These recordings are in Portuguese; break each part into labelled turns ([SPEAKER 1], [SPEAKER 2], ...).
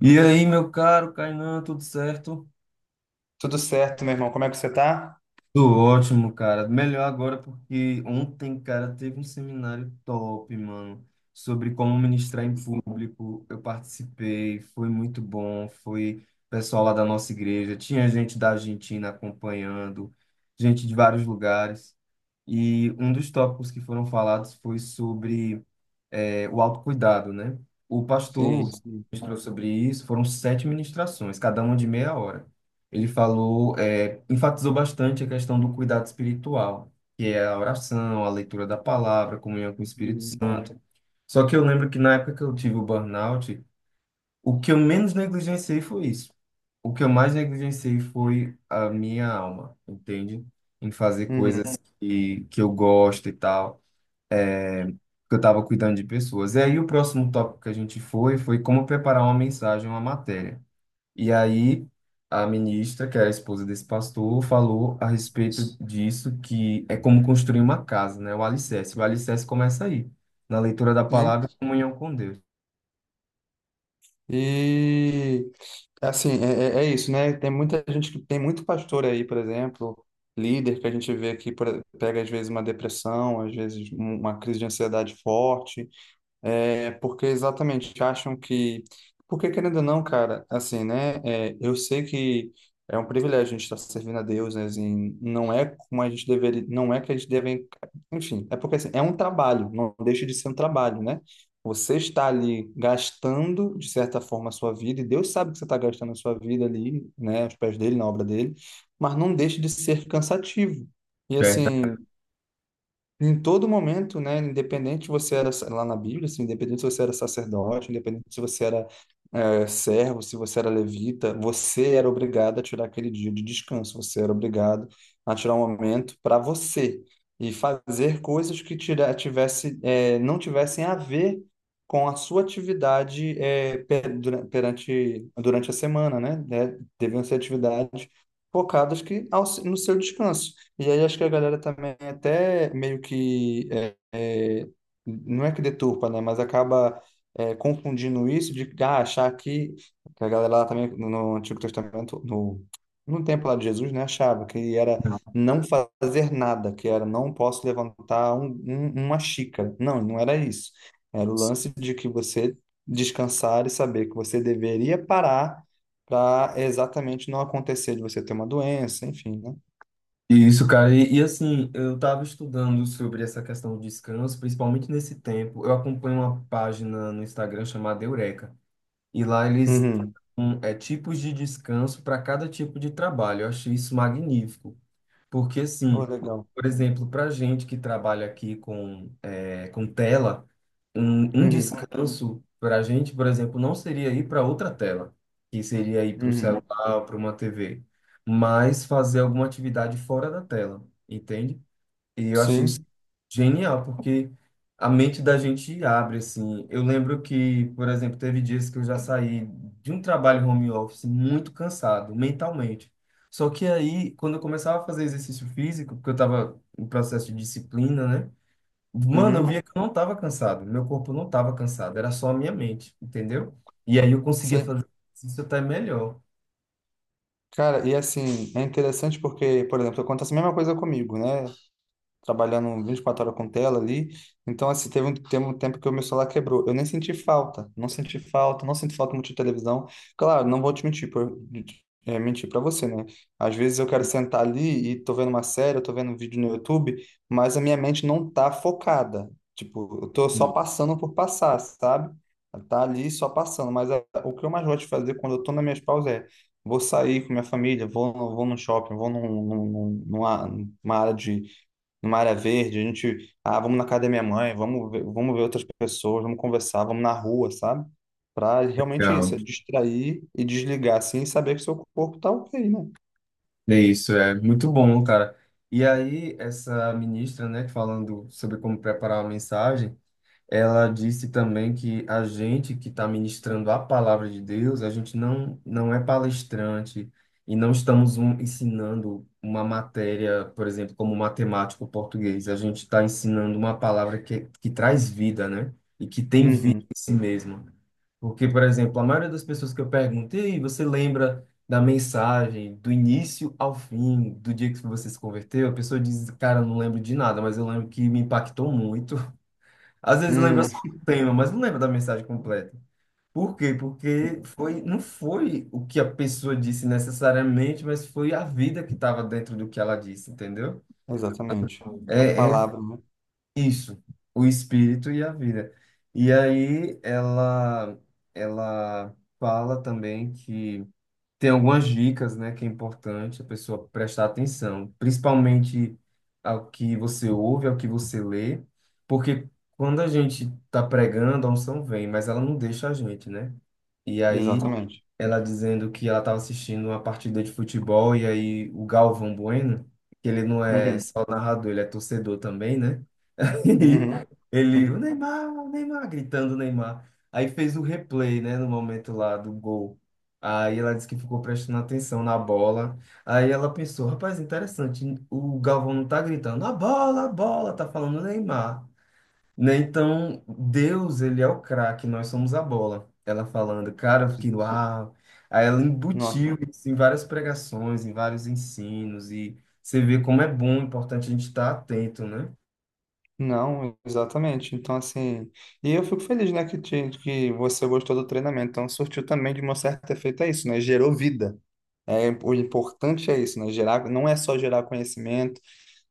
[SPEAKER 1] E aí, meu caro Kainan, tudo certo?
[SPEAKER 2] Tudo certo, meu irmão. Como é que você tá?
[SPEAKER 1] Tudo ótimo, cara. Melhor agora porque ontem, cara, teve um seminário top, mano, sobre como ministrar em
[SPEAKER 2] Sim,
[SPEAKER 1] público. Eu participei, foi muito bom. Foi pessoal lá da nossa igreja, tinha gente da Argentina acompanhando, gente de vários lugares. E um dos tópicos que foram falados foi sobre o autocuidado, né? O
[SPEAKER 2] sim,
[SPEAKER 1] pastor
[SPEAKER 2] sim.
[SPEAKER 1] ministrou sobre isso, foram sete ministrações, cada uma de meia hora. Ele falou, enfatizou bastante a questão do cuidado espiritual, que é a oração, a leitura da palavra, a comunhão com o Espírito
[SPEAKER 2] Uhum.
[SPEAKER 1] Santo. Só que eu lembro que na época que eu tive o burnout, o que eu menos negligenciei foi isso. O que eu mais negligenciei foi a minha alma, entende? Em fazer
[SPEAKER 2] Uhum.
[SPEAKER 1] coisas que eu gosto e tal que eu estava cuidando de pessoas. E aí o próximo tópico que a gente foi como preparar uma mensagem, uma matéria. E aí a ministra, que era a esposa desse pastor, falou a respeito disso, que é como construir uma casa, né? O alicerce. O alicerce começa aí, na leitura da
[SPEAKER 2] Sim.
[SPEAKER 1] palavra, e comunhão com Deus.
[SPEAKER 2] E assim, é isso, né? Tem muita gente que tem muito pastor aí, por exemplo, líder que a gente vê que pega às vezes uma depressão, às vezes uma crise de ansiedade forte. É porque exatamente acham que. Porque, querendo ou não, cara, assim, né? Eu sei que é um privilégio a gente estar servindo a Deus, né? Assim, não é como a gente deveria. Não é que a gente deve. Enfim, é porque assim, é um trabalho, não deixa de ser um trabalho, né? Você está ali gastando, de certa forma, a sua vida, e Deus sabe que você está gastando a sua vida ali, né? Aos pés dele, na obra dele, mas não deixa de ser cansativo. E
[SPEAKER 1] Certo.
[SPEAKER 2] assim. Em todo momento, né, independente se você era lá na Bíblia, assim, independente se você era sacerdote, independente se você era servo, se você era levita, você era obrigado a tirar aquele dia de descanso, você era obrigado a tirar um momento para você e fazer coisas que tira, tivesse, não tivessem a ver com a sua atividade perante, durante a semana, né? Deviam ser atividades focadas que, ao, no seu descanso. E aí acho que a galera também até meio que é, não é que deturpa, né? Mas acaba confundindo isso de ah, achar que a galera lá também no Antigo Testamento, no, no tempo lá de Jesus, né, achava que era não fazer nada, que era não posso levantar uma xícara. Não, não era isso. Era o lance de que você descansar e saber que você deveria parar para exatamente não acontecer de você ter uma doença, enfim, né?
[SPEAKER 1] Isso, cara. E, assim, eu estava estudando sobre essa questão do descanso, principalmente nesse tempo. Eu acompanho uma página no Instagram chamada Eureka. E lá eles
[SPEAKER 2] Uhum.
[SPEAKER 1] dão tipos de descanso para cada tipo de trabalho. Eu achei isso magnífico, porque
[SPEAKER 2] Oh,
[SPEAKER 1] assim,
[SPEAKER 2] legal.
[SPEAKER 1] por exemplo, para gente que trabalha aqui com, é, com tela, um
[SPEAKER 2] Uhum,
[SPEAKER 1] descanso para a gente, por exemplo, não seria ir para outra tela, que seria ir para um
[SPEAKER 2] uhum.
[SPEAKER 1] celular, para uma TV, mas fazer alguma atividade fora da tela, entende? E eu achei isso
[SPEAKER 2] Sim,
[SPEAKER 1] genial, porque a mente da gente abre, assim. Eu lembro que, por exemplo, teve dias que eu já saí de um trabalho home office muito cansado, mentalmente. Só que aí, quando eu começava a fazer exercício físico, porque eu estava em processo de disciplina, né? Mano, eu
[SPEAKER 2] uhum,
[SPEAKER 1] via que eu não estava cansado, meu corpo não estava cansado, era só a minha mente, entendeu? E aí eu conseguia
[SPEAKER 2] sim.
[SPEAKER 1] fazer isso até melhor.
[SPEAKER 2] Cara, e assim, é interessante porque, por exemplo, acontece a mesma coisa comigo, né? Trabalhando 24 horas com tela ali. Então, assim, teve um tempo que o meu celular quebrou. Eu nem senti falta, não senti falta, não senti falta muito de televisão. Claro, não vou te mentir, mentir para você, né? Às vezes eu quero sentar ali e tô vendo uma série, eu tô vendo um vídeo no YouTube, mas a minha mente não tá focada. Tipo, eu tô só
[SPEAKER 1] Sim.
[SPEAKER 2] passando por passar, sabe? Tá ali só passando, mas o que eu mais gosto de fazer quando eu tô nas minhas pausas é vou sair com minha família, vou no shopping, vou num, num- numa, numa área de numa área verde, a gente, ah, vamos na casa da minha mãe, vamos ver outras pessoas, vamos conversar, vamos na rua, sabe? Pra realmente isso, é distrair e desligar assim e saber que seu corpo tá ok, né?
[SPEAKER 1] É isso, é muito bom, cara. E aí, essa ministra, né, falando sobre como preparar uma mensagem, ela disse também que a gente que está ministrando a palavra de Deus, a gente não é palestrante e não estamos ensinando uma matéria, por exemplo, como matemática ou português. A gente está ensinando uma palavra que traz vida, né? E que tem vida
[SPEAKER 2] Uhum,
[SPEAKER 1] em si mesma. Porque, por exemplo, a maioria das pessoas que eu perguntei, você lembra da mensagem, do início ao fim, do dia que você se converteu? A pessoa diz, cara, eu não lembro de nada, mas eu lembro que me impactou muito. Às vezes lembra
[SPEAKER 2] uhum,
[SPEAKER 1] só o tema, mas não lembra da mensagem completa. Por quê? Porque não foi o que a pessoa disse necessariamente, mas foi a vida que estava dentro do que ela disse, entendeu?
[SPEAKER 2] exatamente. A
[SPEAKER 1] É
[SPEAKER 2] palavra, né?
[SPEAKER 1] isso, o espírito e a vida. E aí ela fala também que tem algumas dicas, né, que é importante a pessoa prestar atenção, principalmente ao que você ouve, ao que você lê, porque quando a gente está pregando, a unção vem, mas ela não deixa a gente, né? E aí
[SPEAKER 2] Exatamente.
[SPEAKER 1] ela dizendo que ela estava assistindo uma partida de futebol e aí o Galvão Bueno, que ele não é
[SPEAKER 2] Uhum,
[SPEAKER 1] só narrador, ele é torcedor também, né? E
[SPEAKER 2] uhum,
[SPEAKER 1] ele,
[SPEAKER 2] uhum.
[SPEAKER 1] O Neymar, gritando o Neymar. Aí fez o replay, né, no momento lá do gol. Aí ela disse que ficou prestando atenção na bola. Aí ela pensou, rapaz, interessante, o Galvão não tá gritando, a bola, tá falando Neymar. Né? Então, Deus, ele é o craque, nós somos a bola. Ela falando, cara, eu fiquei, uau. Aí ela
[SPEAKER 2] Nossa,
[SPEAKER 1] embutiu isso em várias pregações, em vários ensinos, e você vê como é bom, importante a gente estar atento, né?
[SPEAKER 2] não, exatamente. Então, assim, e eu fico feliz, né, que você gostou do treinamento. Então, surtiu também de uma certa efeito, é isso, né? Gerou vida. É, o importante é isso, né? Gerar, não é só gerar conhecimento,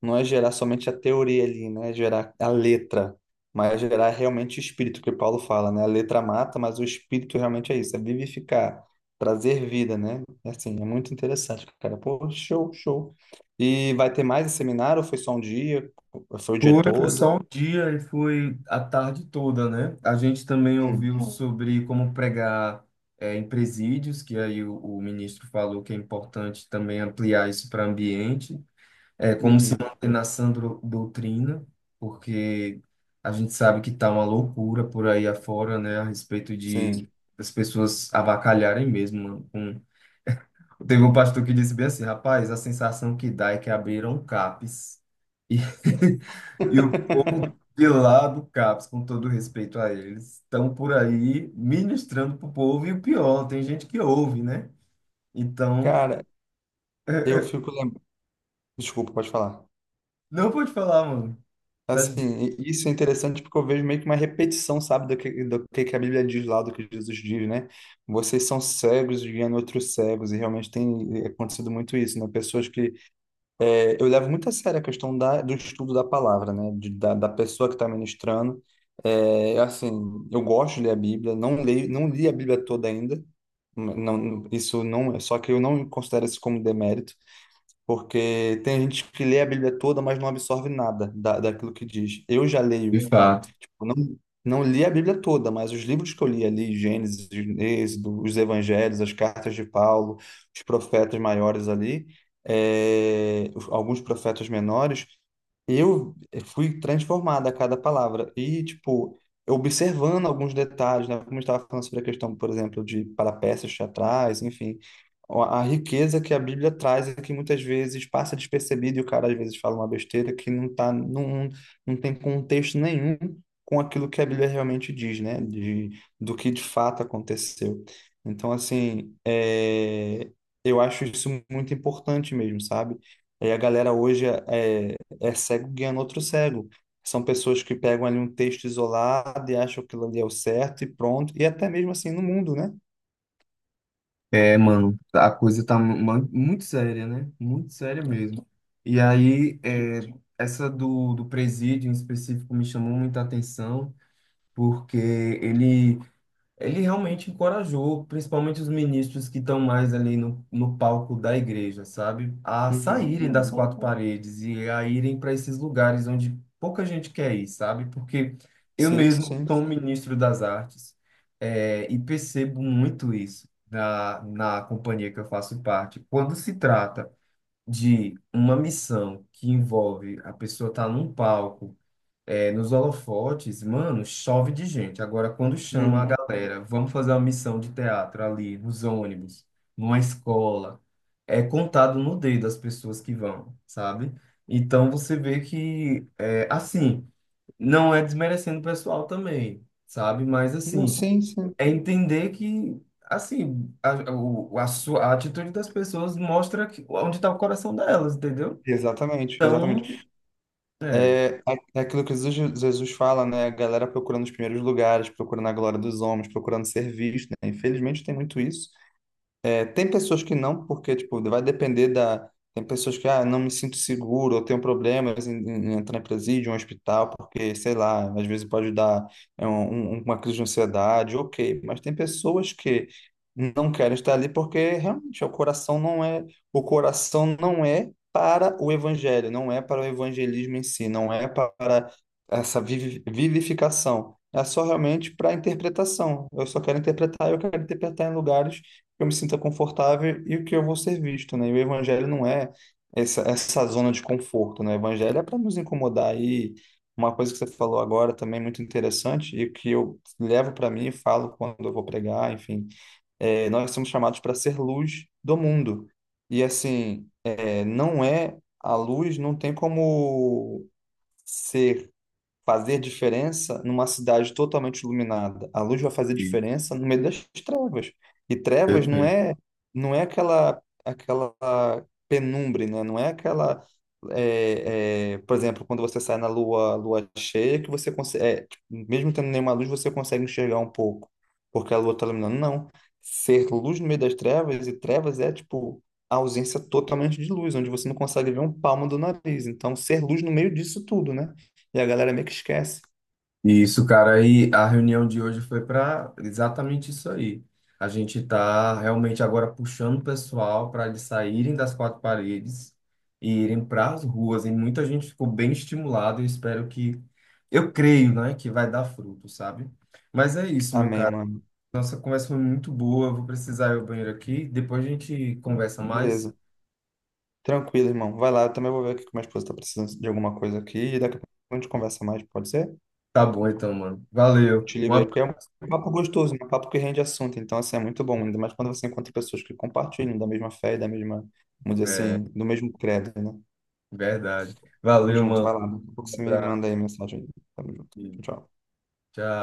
[SPEAKER 2] não é gerar somente a teoria ali, né? É gerar a letra, mas é gerar realmente o espírito, que o Paulo fala, né? A letra mata, mas o espírito realmente é isso, é vivificar, trazer vida, né? É Assim, é muito interessante, cara. Pô, show, show. E vai ter mais esse seminário? Ou foi só um dia? Foi o dia
[SPEAKER 1] Foi
[SPEAKER 2] todo?
[SPEAKER 1] só um dia e foi a tarde toda, né? A gente também
[SPEAKER 2] Hum,
[SPEAKER 1] ouviu sobre como pregar em presídios, que aí o ministro falou que é importante também ampliar isso para ambiente, é, como se
[SPEAKER 2] uhum,
[SPEAKER 1] manter na doutrina, porque a gente sabe que tá uma loucura por aí afora, né, a respeito de
[SPEAKER 2] sim.
[SPEAKER 1] as pessoas avacalharem mesmo. Teve um pastor que disse bem assim, rapaz, a sensação que dá é que abriram CAPs. E de lá do CAPS, com todo respeito a eles, estão por aí ministrando pro povo e o pior, tem gente que ouve, né? Então,
[SPEAKER 2] Cara, eu fico lembrando. Desculpa, pode falar.
[SPEAKER 1] não pode falar, mano. Tá de boa.
[SPEAKER 2] Assim, isso é interessante porque eu vejo meio que uma repetição, sabe, do que a Bíblia diz lá, do que Jesus diz, né? Vocês são cegos guiando outros cegos, e realmente tem acontecido muito isso, né? Pessoas que... eu levo muito a sério a questão da, do estudo da palavra, né? Da pessoa que está ministrando. É, assim, eu gosto de ler a Bíblia, não leio, não li a Bíblia toda ainda, isso não, só que eu não considero isso como demérito. Porque tem gente que lê a Bíblia toda, mas não absorve nada da, daquilo que diz. Eu já
[SPEAKER 1] De
[SPEAKER 2] leio.
[SPEAKER 1] fato.
[SPEAKER 2] Eu não, não li a Bíblia toda, mas os livros que eu li ali, Gênesis, Êxodo, os Evangelhos, as cartas de Paulo, os profetas maiores ali, alguns profetas menores, fui transformado a cada palavra. E, tipo, observando alguns detalhes, né? Como eu estava falando sobre a questão, por exemplo, de parapeças teatrais, enfim. A riqueza que a Bíblia traz é que muitas vezes passa despercebido e o cara às vezes fala uma besteira que não tá, não, não tem contexto nenhum com aquilo que a Bíblia realmente diz, né? De, do que de fato aconteceu. Então, assim, é, eu acho isso muito importante mesmo, sabe? E a galera hoje, é cego guiando outro cego. São pessoas que pegam ali um texto isolado e acham que aquilo ali é o certo e pronto. E até mesmo assim no mundo, né?
[SPEAKER 1] É, mano, a coisa tá muito séria, né? Muito séria mesmo. E aí,
[SPEAKER 2] Tipo,
[SPEAKER 1] é, essa do presídio em específico me chamou muita atenção, porque ele Ele realmente encorajou, principalmente os ministros que estão mais ali no palco da igreja, sabe? A
[SPEAKER 2] uhum,
[SPEAKER 1] saírem das
[SPEAKER 2] uhum.
[SPEAKER 1] quatro paredes e a irem para esses lugares onde pouca gente quer ir, sabe? Porque eu
[SPEAKER 2] Sim,
[SPEAKER 1] mesmo
[SPEAKER 2] sim.
[SPEAKER 1] sou um ministro das artes, eh, e percebo muito isso na companhia que eu faço parte. Quando se trata de uma missão que envolve a pessoa estar num palco, é, nos holofotes, mano, chove de gente. Agora, quando chama a
[SPEAKER 2] Uhum.
[SPEAKER 1] galera, vamos fazer uma missão de teatro ali, nos ônibus, numa escola, é contado no dedo as pessoas que vão, sabe? Então, você vê que, é, assim, não é desmerecendo o pessoal também, sabe? Mas,
[SPEAKER 2] Não,
[SPEAKER 1] assim,
[SPEAKER 2] sim, sim.
[SPEAKER 1] é entender que, assim, a, o- a, sua, a atitude das pessoas mostra que, onde está o coração delas, entendeu?
[SPEAKER 2] Exatamente, exatamente.
[SPEAKER 1] Então,
[SPEAKER 2] É aquilo que Jesus fala, né? A galera procurando os primeiros lugares, procurando a glória dos homens, procurando ser visto, né? Infelizmente tem muito isso. É, tem pessoas que não, porque, tipo, vai depender da... Tem pessoas que, ah, não me sinto seguro, eu tenho problemas em entrar em presídio, em um hospital, porque, sei lá, às vezes pode dar uma crise de ansiedade, ok. Mas tem pessoas que não querem estar ali porque, realmente, o coração não é... O coração não é para o evangelho, não é para o evangelismo em si, não é para essa vivificação. É só realmente para interpretação. Eu só quero interpretar, eu quero interpretar em lugares que eu me sinta confortável e o que eu vou ser visto, né? E o evangelho não é essa zona de conforto, né? O evangelho é para nos incomodar. E uma coisa que você falou agora também é muito interessante e que eu levo para mim e falo quando eu vou pregar, enfim, é, nós somos chamados para ser luz do mundo. E assim, é, não é a luz, não tem como ser fazer diferença numa cidade totalmente iluminada. A luz vai fazer diferença no meio das trevas. E trevas
[SPEAKER 1] é.
[SPEAKER 2] não é aquela penumbra, né? Não é aquela por exemplo, quando você sai na lua cheia que você consegue, é, tipo, mesmo tendo nenhuma luz, você consegue enxergar um pouco, porque a lua está iluminando. Não. Ser luz no meio das trevas e trevas é tipo a ausência totalmente de luz, onde você não consegue ver um palmo do nariz. Então, ser luz no meio disso tudo, né? E a galera meio que esquece.
[SPEAKER 1] Isso, cara, aí a reunião de hoje foi para exatamente isso aí. A gente está realmente agora puxando o pessoal para eles saírem das quatro paredes e irem para as ruas. E muita gente ficou bem estimulada. Eu espero que, eu creio, né, que vai dar fruto, sabe? Mas é isso, meu
[SPEAKER 2] Amém,
[SPEAKER 1] cara.
[SPEAKER 2] mano.
[SPEAKER 1] Nossa conversa foi muito boa. Eu vou precisar ir ao banheiro aqui. Depois a gente conversa
[SPEAKER 2] Beleza.
[SPEAKER 1] mais.
[SPEAKER 2] Tranquilo, irmão. Vai lá, eu também vou ver aqui que minha esposa tá precisando de alguma coisa aqui. E daqui a pouco a gente conversa mais, pode ser?
[SPEAKER 1] Tá bom, então, mano.
[SPEAKER 2] Eu
[SPEAKER 1] Valeu.
[SPEAKER 2] te
[SPEAKER 1] Um
[SPEAKER 2] ligo aí,
[SPEAKER 1] abraço.
[SPEAKER 2] porque é um papo gostoso, né? Um papo que rende assunto. Então, assim, é muito bom. Ainda mais quando você encontra pessoas que compartilham da mesma fé e da mesma, vamos dizer
[SPEAKER 1] É,
[SPEAKER 2] assim, do mesmo credo, né?
[SPEAKER 1] verdade.
[SPEAKER 2] Tamo
[SPEAKER 1] Valeu,
[SPEAKER 2] junto,
[SPEAKER 1] mano.
[SPEAKER 2] vai lá. Daqui a pouco
[SPEAKER 1] Um
[SPEAKER 2] você me
[SPEAKER 1] abraço.
[SPEAKER 2] manda aí mensagem. Tamo junto. Tchau, tchau.
[SPEAKER 1] Tchau.